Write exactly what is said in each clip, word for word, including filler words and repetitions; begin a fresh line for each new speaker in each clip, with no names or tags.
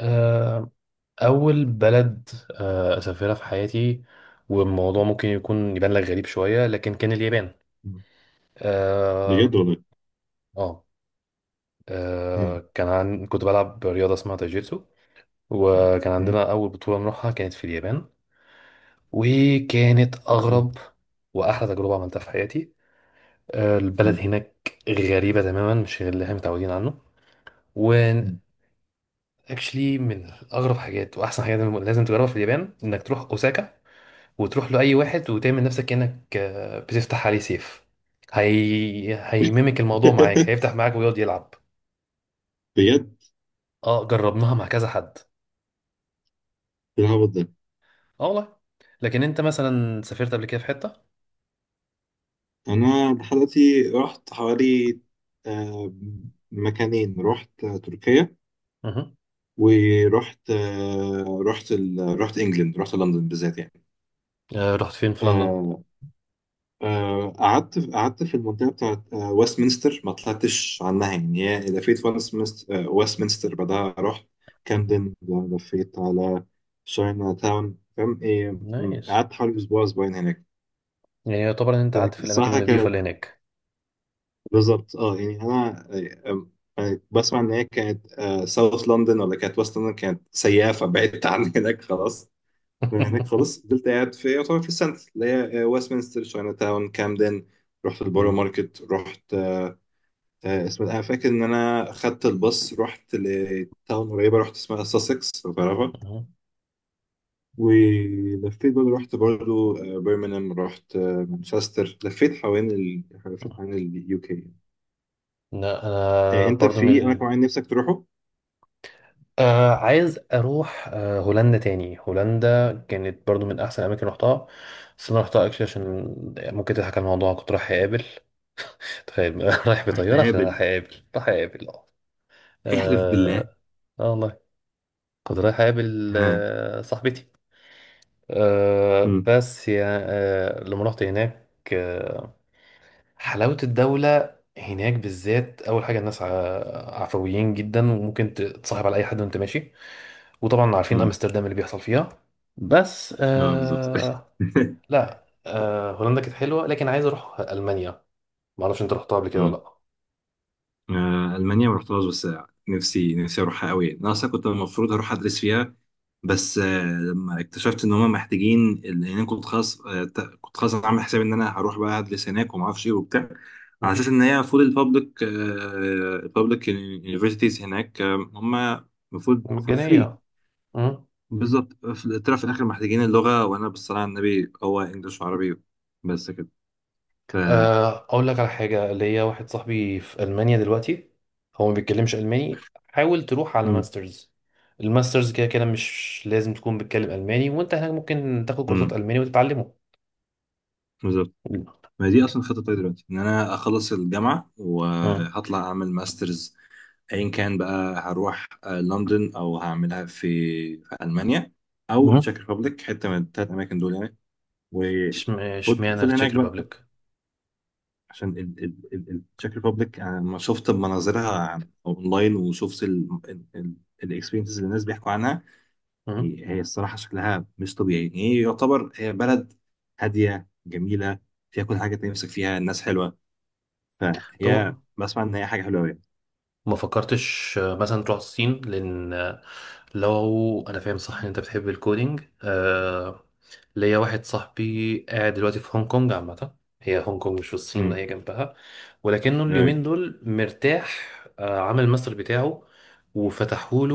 آه، أول بلد آه، أسافرها في حياتي. والموضوع ممكن يكون يبان لك غريب شوية، لكن كان اليابان.
مم.
آه
بجد والله.
آه
مم.
آه، كان عن... كنت بلعب رياضة اسمها تايجيتسو، وكان
مم.
عندنا أول بطولة نروحها كانت في اليابان، وكانت
مم.
أغرب وأحلى تجربة عملتها في حياتي. آه، البلد
مم.
هناك غريبة تماما، مش غير اللي احنا متعودين عنه. و
مم.
actually من أغرب حاجات وأحسن حاجات لازم تجربها في اليابان إنك تروح أوساكا، وتروح له اي واحد وتعمل نفسك كأنك آه، بتفتح عليه سيف. هي... هيميمك الموضوع معاك، هيفتح معاك ويقعد يلعب.
بجد.
اه، جربناها مع كذا حد.
العبط ده.
اه والله. لكن انت مثلا سافرت قبل كده في حتة؟
انا لحد دلوقتي رحت حوالي آه، مكانين. رحت آه، تركيا،
مه.
ورحت آه، رحت ال... رحت انجلند، رحت لندن بالذات يعني.
آه رحت فين في لندن؟
آه، آه، قعدت قعدت في المنطقة بتاعت آه، ويستمنستر، ما طلعتش عنها يعني، هي لفيت ويستمنستر. آه، ويستمنستر بعدها رحت كامدن، لفيت على شاينا تاون، فاهم إيه. م-
نايس.
قعدت حوالي أسبوع أسبوعين هناك.
يعني يعتبر ان انت قعدت في الاماكن
فالصراحة
النظيفة اللي
كانت
هناك.
بالظبط، اه يعني أنا آه، آه، بسمع إن هي كانت ساوث لندن ولا كانت ويست لندن، كانت سيئة، فبعدت عن هناك خلاص. من هناك خلاص فضلت قاعد في يعتبر في السنتر اللي هي ويستمنستر، شاينا تاون، كامدن. رحت البورو
مم.
ماركت، رحت آه، اسمها، انا فاكر ان انا خدت الباص رحت لتاون قريبه، رحت اسمها ساسكس، لو تعرفها.
مم.
ولفيت برضه، رحت برضه برمنهام، رحت آه، مانشستر. لفيت حوالين ال... لفيت حوالين اليو كي.
لا، انا
انت
برضو من
في اماكن
ال...
معين نفسك تروحه؟
آه عايز اروح آه هولندا تاني. هولندا كانت برضو من احسن الاماكن رحتها، بس انا رحتها اكشلي عشان ممكن تضحك على الموضوع. كنت رايح اقابل، تخيل، رايح
رحت
بطياره عشان رايح
اقابل.
اقابل رايح اقابل اه
احلف بالله.
اه. آه والله. كنت رايح اقابل
ها.
آه صاحبتي. آه
امم.
بس يا آه لما رحت هناك، آه حلاوه الدوله هناك بالذات. اول حاجه الناس ع- عفويين جدا، وممكن تتصاحب على اي حد وانت ماشي. وطبعا عارفين
امم.
امستردام اللي بيحصل فيها. بس
اه بالظبط.
آه لا، آه هولندا كانت حلوه، لكن عايز اروح المانيا. ما اعرفش انت رحتها قبل كده ولا
امم.
لا؟
آه المانيا ما رحتهاش، بس نفسي نفسي اروحها قوي يعني. انا اصلا كنت المفروض هروح ادرس فيها، بس آه، لما اكتشفت ان هم محتاجين، لان انا كنت خلاص آه، ت- كنت خلاص عامل حسابي ان انا هروح بقى ادرس هناك وما اعرفش ايه وبتاع، على اساس
مهم.
ان هي فول البابليك البابليك يونيفرسيتيز هناك آه، هم المفروض فور فري.
مجانيه. مهم.
بالظبط، في- طلع في الاخر محتاجين اللغه، وانا بالصلاه على النبي هو انجلش وعربي، بس كده ف.
آه اقول لك على حاجه، ليا واحد صاحبي في المانيا دلوقتي، هو ما بيتكلمش الماني، حاول تروح على
مم.
ماسترز. الماسترز كده كده مش لازم تكون بتتكلم الماني، وانت هناك ممكن تاخد كورسات
مم.
الماني وتتعلمه.
بالظبط.
مم.
ما هي دي اصلا الخطه بتاعتي دلوقتي، ان انا اخلص الجامعه وهطلع اعمل ماسترز، ايا كان بقى. هروح آه، لندن او هعملها في في المانيا او
مهم.
التشيك ريبابليك، حته من الثلاث اماكن دول يعني.
اشم-
وفضل
اشمعنى
فضل
التشيك
هناك بقى.
ريبابليك؟
عشان ال- ال- ال- التشيك ريبابليك، انا لما شفت مناظرها اونلاين وشفت الاكسبيرينسز اللي الناس بيحكوا عنها،
مم.
هي هي الصراحه شكلها مش طبيعي. هي يعتبر هي بلد هاديه جميله، فيها كل حاجه انت نفسك فيها، الناس حلوه. فهي
طب،
بسمع ان هي حاجه حلوه قوي.
ما فكرتش آه، مثلا تروح الصين؟ لان آه، لو انا فاهم صح ان انت بتحب الكودينج، آه، ليا واحد صاحبي قاعد دلوقتي في هونج كونج عامه. هي هونج كونج مش في الصين،
امم.
هي جنبها، ولكنه اليومين
أيوة.
دول مرتاح. آه، عمل الماستر بتاعه،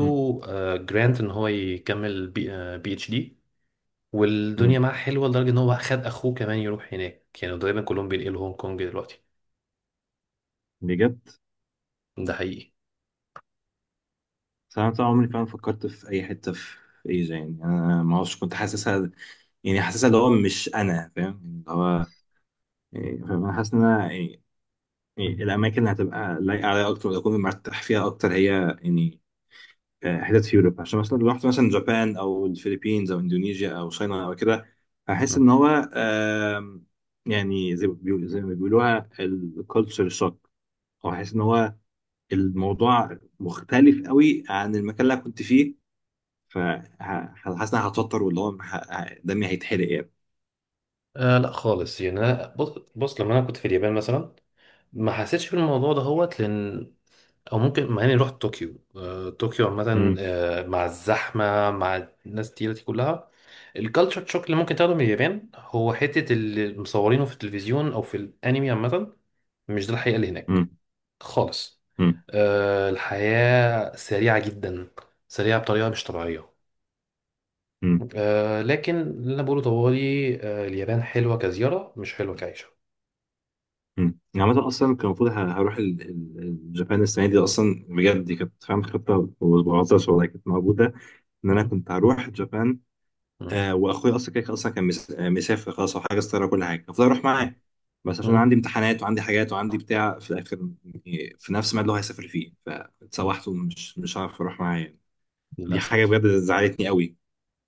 أمم.
جرانت ان هو يكمل بي آه بي اتش دي. والدنيا
أمم.
معاه حلوه لدرجه ان هو خد اخوه كمان يروح هناك، يعني تقريبا كلهم بينقلوا هونج كونج دلوقتي.
بجد.
ده حقيقي.
بس انا طبعا عمري فعلا فكرت في اي حته في ايجا يعني. انا ما اعرفش، كنت حاسسها يعني، حاسسها اللي هو، مش انا فاهم يعني اللي هو، يعني فاهم. انا حاسس ان انا يعني، يعني الاماكن اللي هتبقى لايقه عليا اكتر واكون مرتاح فيها اكتر هي يعني آه، حتت في اوروبا. عشان مثلا لو رحت مثلا جابان او الفلبينز او اندونيسيا او صينيا او كده، هحس ان هو آم، يعني زي ما بيقولوا- زي ما بيقولوها الكالتشر شوك. او هحس ان هو الموضوع مختلف قوي عن المكان اللي أنا كنت فيه. فحاسس ان انا هتوتر، واللي هو ه- ه- دمي هيتحرق يعني.
آه لا خالص. يعني انا بص، بص لما انا كنت في اليابان مثلا ما حسيتش بالموضوع ده هوت، لان او ممكن مع اني رحت طوكيو. آه طوكيو عامه
مم.
آه مع الزحمه، مع الناس التقيله دي كلها، الكالتشر شوك اللي ممكن تاخده من اليابان هو حته اللي مصورينه في التلفزيون او في الانمي عامه. مش ده الحقيقه اللي هناك
مم.
خالص.
مم.
آه الحياه سريعه جدا، سريعه بطريقه مش طبيعيه.
مم.
آه لكن اللي انا بقوله طوالي، آه اليابان حلوه كزياره، مش حلوه كعيشه.
مم. يعني عامة أصلا كان المفروض ه- هروح ال- ال- اليابان السنة دي أصلا، بجد دي كانت فاهم خطة، وبعطش والله كانت موجودة إن أنا
مم.
كنت هروح اليابان.
مم.
آه، وأخويا أصلا كده كده أصلا كان مس- آه، مسافر خلاص، وحاجز طيارة، وكل حاجة المفروض أروح
مم.
معاه. بس عشان
مم.
عندي امتحانات وعندي حاجات وعندي بتاع في الآخر يعني، في نفس الميعاد اللي هو هيسافر فيه،
مم.
فاتسوحت، ومش مش هعرف أروح معاه يعني. دي حاجة
للأسف.
بجد زعلتني قوي.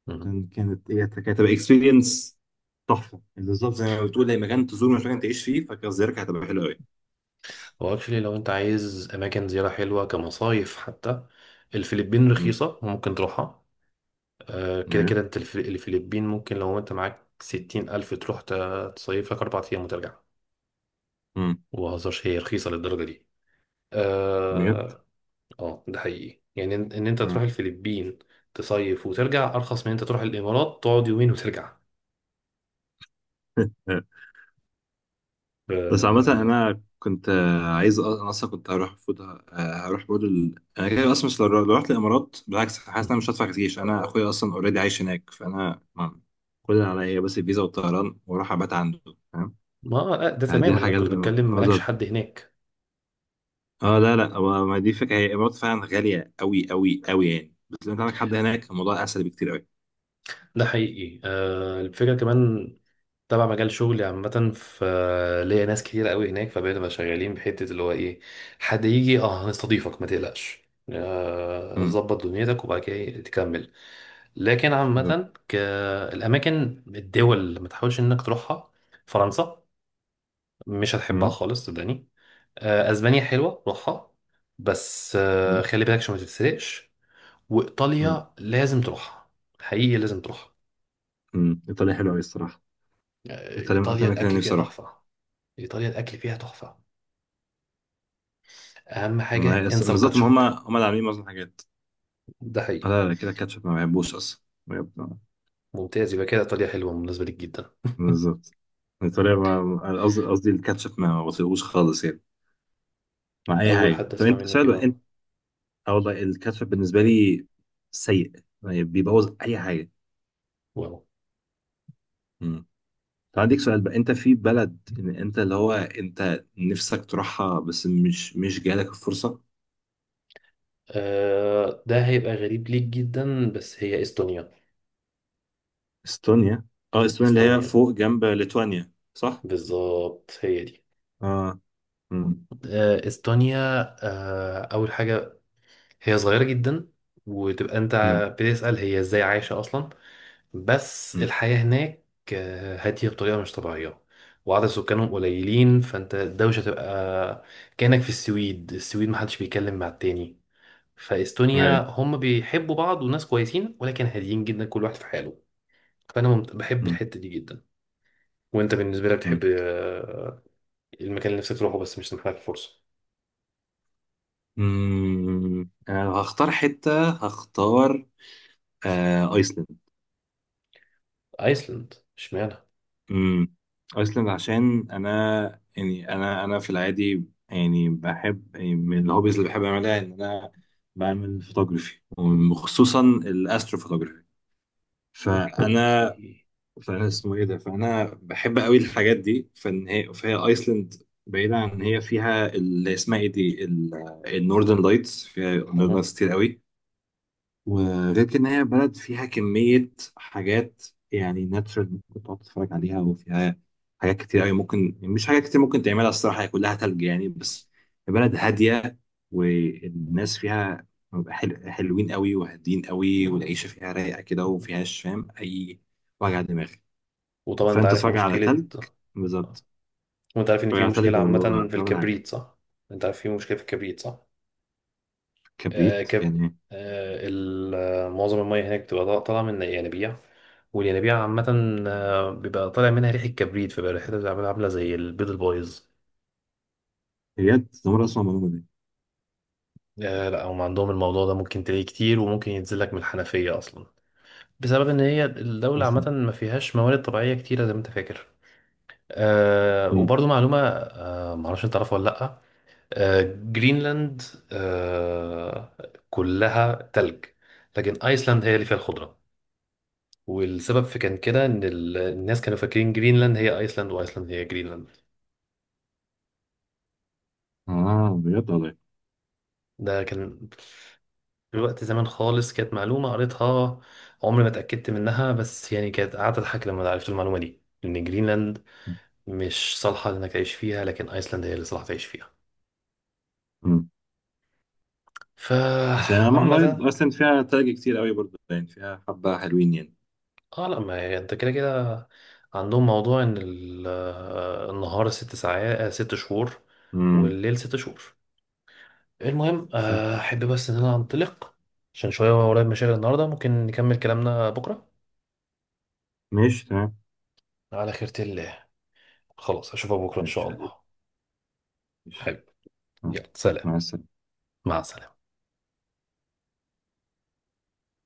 مم.
عشان كانت هي كانت هتبقى اكسبيرينس تحفه. بالظبط زي ما بتقول، اي مكان تزوره مش مكان تعيش فيه، فكزيارتك هتبقى حلوه قوي.
هو اكشلي لو انت عايز اماكن زيارة حلوة كمصايف حتى، الفلبين
امم.
رخيصة وممكن تروحها. آه، كده
إيه؟
كده انت الف- الفلبين ممكن لو انت معاك ستين ألف تروح ت- تصيف لك أربع أيام وترجع.
امم.
مبهزرش هي رخيصة للدرجة دي.
بجد.
اه. آه، ده حقيقي، يعني ان إن انت
آه.
تروح الفلبين تصيف وترجع أرخص من انت تروح الإمارات تقعد يومين وترجع.
بس عامة
آه،
أنا كنت آه، عايز أ- أنا أصلا كنت هروح فوت آه، هروح برضه ال... أنا كده أصلا مش. لو لو رحت الإمارات بالعكس، حاسس إن أنا مش هدفع كتير. أنا أخويا أصلا أوريدي عايش هناك، فأنا ما- كل اللي عليا بس الفيزا والطيران، وأروح أبات عنده، فاهم.
ما آه، ده
آه، دي
تمام، انا
الحاجة
كنت
اللي.
بتكلم مالكش حد هناك.
اه، لا لا، هو- ما دي فكره، هي الامارات فعلا غاليه قوي قوي قوي يعني، بس لو انت عندك حد هناك الموضوع اسهل بكتير قوي.
ده حقيقي. آه، الفكرة كمان تبع مجال شغلي عامة، ف ليا ناس كتير قوي هناك، فبقينا بقى شغالين بحتة اللي هو ايه، حد يجي اه هنستضيفك، ما تقلقش، آه،
امم.
ظبط دنيتك وبعد كده إيه، تكمل. لكن
بالظبط.
عامة، ك- الأماكن الدول اللي ما تحاولش إنك تروحها، فرنسا، مش هتحبها
امم.
خالص صدقني. آه، أسبانيا حلوة، روحها، بس آه،
امم.
خلي بالك عشان ما تتسرقش.
امم.
وإيطاليا لازم تروحها، حقيقي لازم تروحها.
امم. ايطاليا حلوه قوي الصراحه. ايطاليا من اكتر
ايطاليا
مكان
الاكل فيها
نفسي اروح.
تحفه. ايطاليا الاكل فيها تحفه. اهم
ما
حاجه
هي أس-
انسى
بالظبط، ما
الكاتشب.
هم هم اللي عاملين معظم الحاجات.
ده
آه،
حقيقي.
لا لا، كده الكاتشب ما بحبوش اصلا. بجد.
ممتاز، يبقى كده ايطاليا حلوه بالنسبه ليك جدا.
بالظبط. ايطاليا ما- قصدي، قصدي الكاتشب ما بطيقوش خالص يعني مع اي
اول
حاجه.
حد
طب
اسمع
انت
منه
سؤال بقى
كده.
انت. اه والله الكاتشب بالنسبه لي سيء يعني، بيبوظ اي حاجه.
واو.
فعندك سؤال بقى، انت في بلد ان انت اللي هو انت نفسك تروحها بس مش مش جالك الفرصة.
آه ده هيبقى غريب ليك جدا، بس هي استونيا.
استونيا. اه، استونيا اللي هي
استونيا،
فوق جنب ليتوانيا صح.
بالظبط هي دي.
اه. امم.
آه استونيا. آه اول حاجه هي صغيرة جدا، وتبقى انت
امم.
بتسأل هي ازاي عايشة اصلا. بس
امم.
الحياة هناك آه، هادية بطريقة مش طبيعية، وعدد سكانهم قليلين، فانت الدوشة تبقى كأنك في السويد. السويد محدش بيتكلم مع التاني. فاستونيا
ايوه.
هم بيحبوا بعض وناس كويسين، ولكن هاديين جدا، كل واحد في حاله. فانا ممت- بحب
امم.
الحتة دي جدا. وانت بالنسبة لك بتحب
امم.
آه، المكان اللي نفسك تروحه بس مش سامح لك الفرصة؟
امم. آه، هختار حتة، هختار آه ايسلند.
ايسلند اشمعنى؟
امم. ايسلند عشان انا يعني انا انا في العادي يعني بحب، يعني من الهوبيز اللي بحب اعملها ان انا بعمل فوتوغرافي، وخصوصا الاسترو. فانا فانا اسمه ايه ده، فانا بحب قوي الحاجات دي، فان هي فهي ايسلند. بعيدا عن ان هي فيها اللي اسمها ايه دي، النوردن لايتس، فيها نوردن
اوكي.
لايتس كتير قوي. وغير كده، ان هي بلد فيها كمية حاجات يعني ناتشورال، ممكن تقعد تتفرج عليها، وفيها حاجات كتير قوي، ممكن يعني مش حاجات كتير، ممكن تعملها الصراحة، هي كلها تلج يعني، بس بلد هادية، والناس فيها بيبقى حل... حلوين قوي، وهادين قوي، والعيشة فيها رايقة كده، ومفيهاش فاهم أي وجع دماغ.
وطبعا انت
فأنت
عارف
تتفرج على
مشكلة.
تلج. بالظبط.
وانت عارف ان
تتفرج
في
على تلج
مشكلة عامة في
وبرغم على.
الكبريت، صح؟ انت عارف في مشكلة في الكبريت، صح؟ آه آه،
كبريت
كب
يعني.
آه ال- آه، معظم المية هناك بتبقى طا- طالعة من ينابيع. والينابيع عامة آه، بيبقى طالع منها ريحة كبريت، فبقى ريحتها بتبقى عاملة زي البيض البايظ.
بجد ده مرة أسمع المعلومة دي.
آه لا، هم عندهم الموضوع ده ممكن تلاقيه كتير وممكن ينزل لك من الحنفية أصلا، بسبب إن هي الدولة
أصلا.
عامة ما فيهاش موارد طبيعية كتيرة زي ما أنت فاكر. آه
مم.
وبرضو معلومة، آه معرفش أنت تعرفها ولا لأ. آه، جرينلاند آه، كلها تلج، لكن ايسلاند هي اللي فيها الخضره. والسبب في كان كده ان ال- الناس كانوا فاكرين جرينلاند هي ايسلاند وايسلاند هي جرينلاند.
آه بجد والله.
ده كان في وقت زمان خالص، كانت معلومه قريتها، عمري ما اتاكدت منها، بس يعني كانت قعدت اضحك لما عرفت المعلومه دي، ان جرينلاند مش صالحه انك تعيش فيها، لكن ايسلاند هي اللي صالحه تعيش فيها.
بس يعني لما لايت
فعامة
اصلا فيها تاج كتير قوي برضه، يعني فيها حبة حلوين يعني.
اه لا، ما هي انت كده كده عندهم موضوع ان ال- آه، النهار ست ساعات، آه، ست شهور،
امم.
والليل ست شهور. المهم،
آه،
آه، احب بس ان انا انطلق، عشان شوية ورايا مشاغل النهاردة. ممكن نكمل كلامنا بكرة
ماشي تمام.
على خيرة الله. خلاص، اشوفك بكرة ان
ماشي
شاء الله.
حبيبي. ماشي.
حلو.
آه،
يلا سلام.
مع السلامة.
مع السلامة.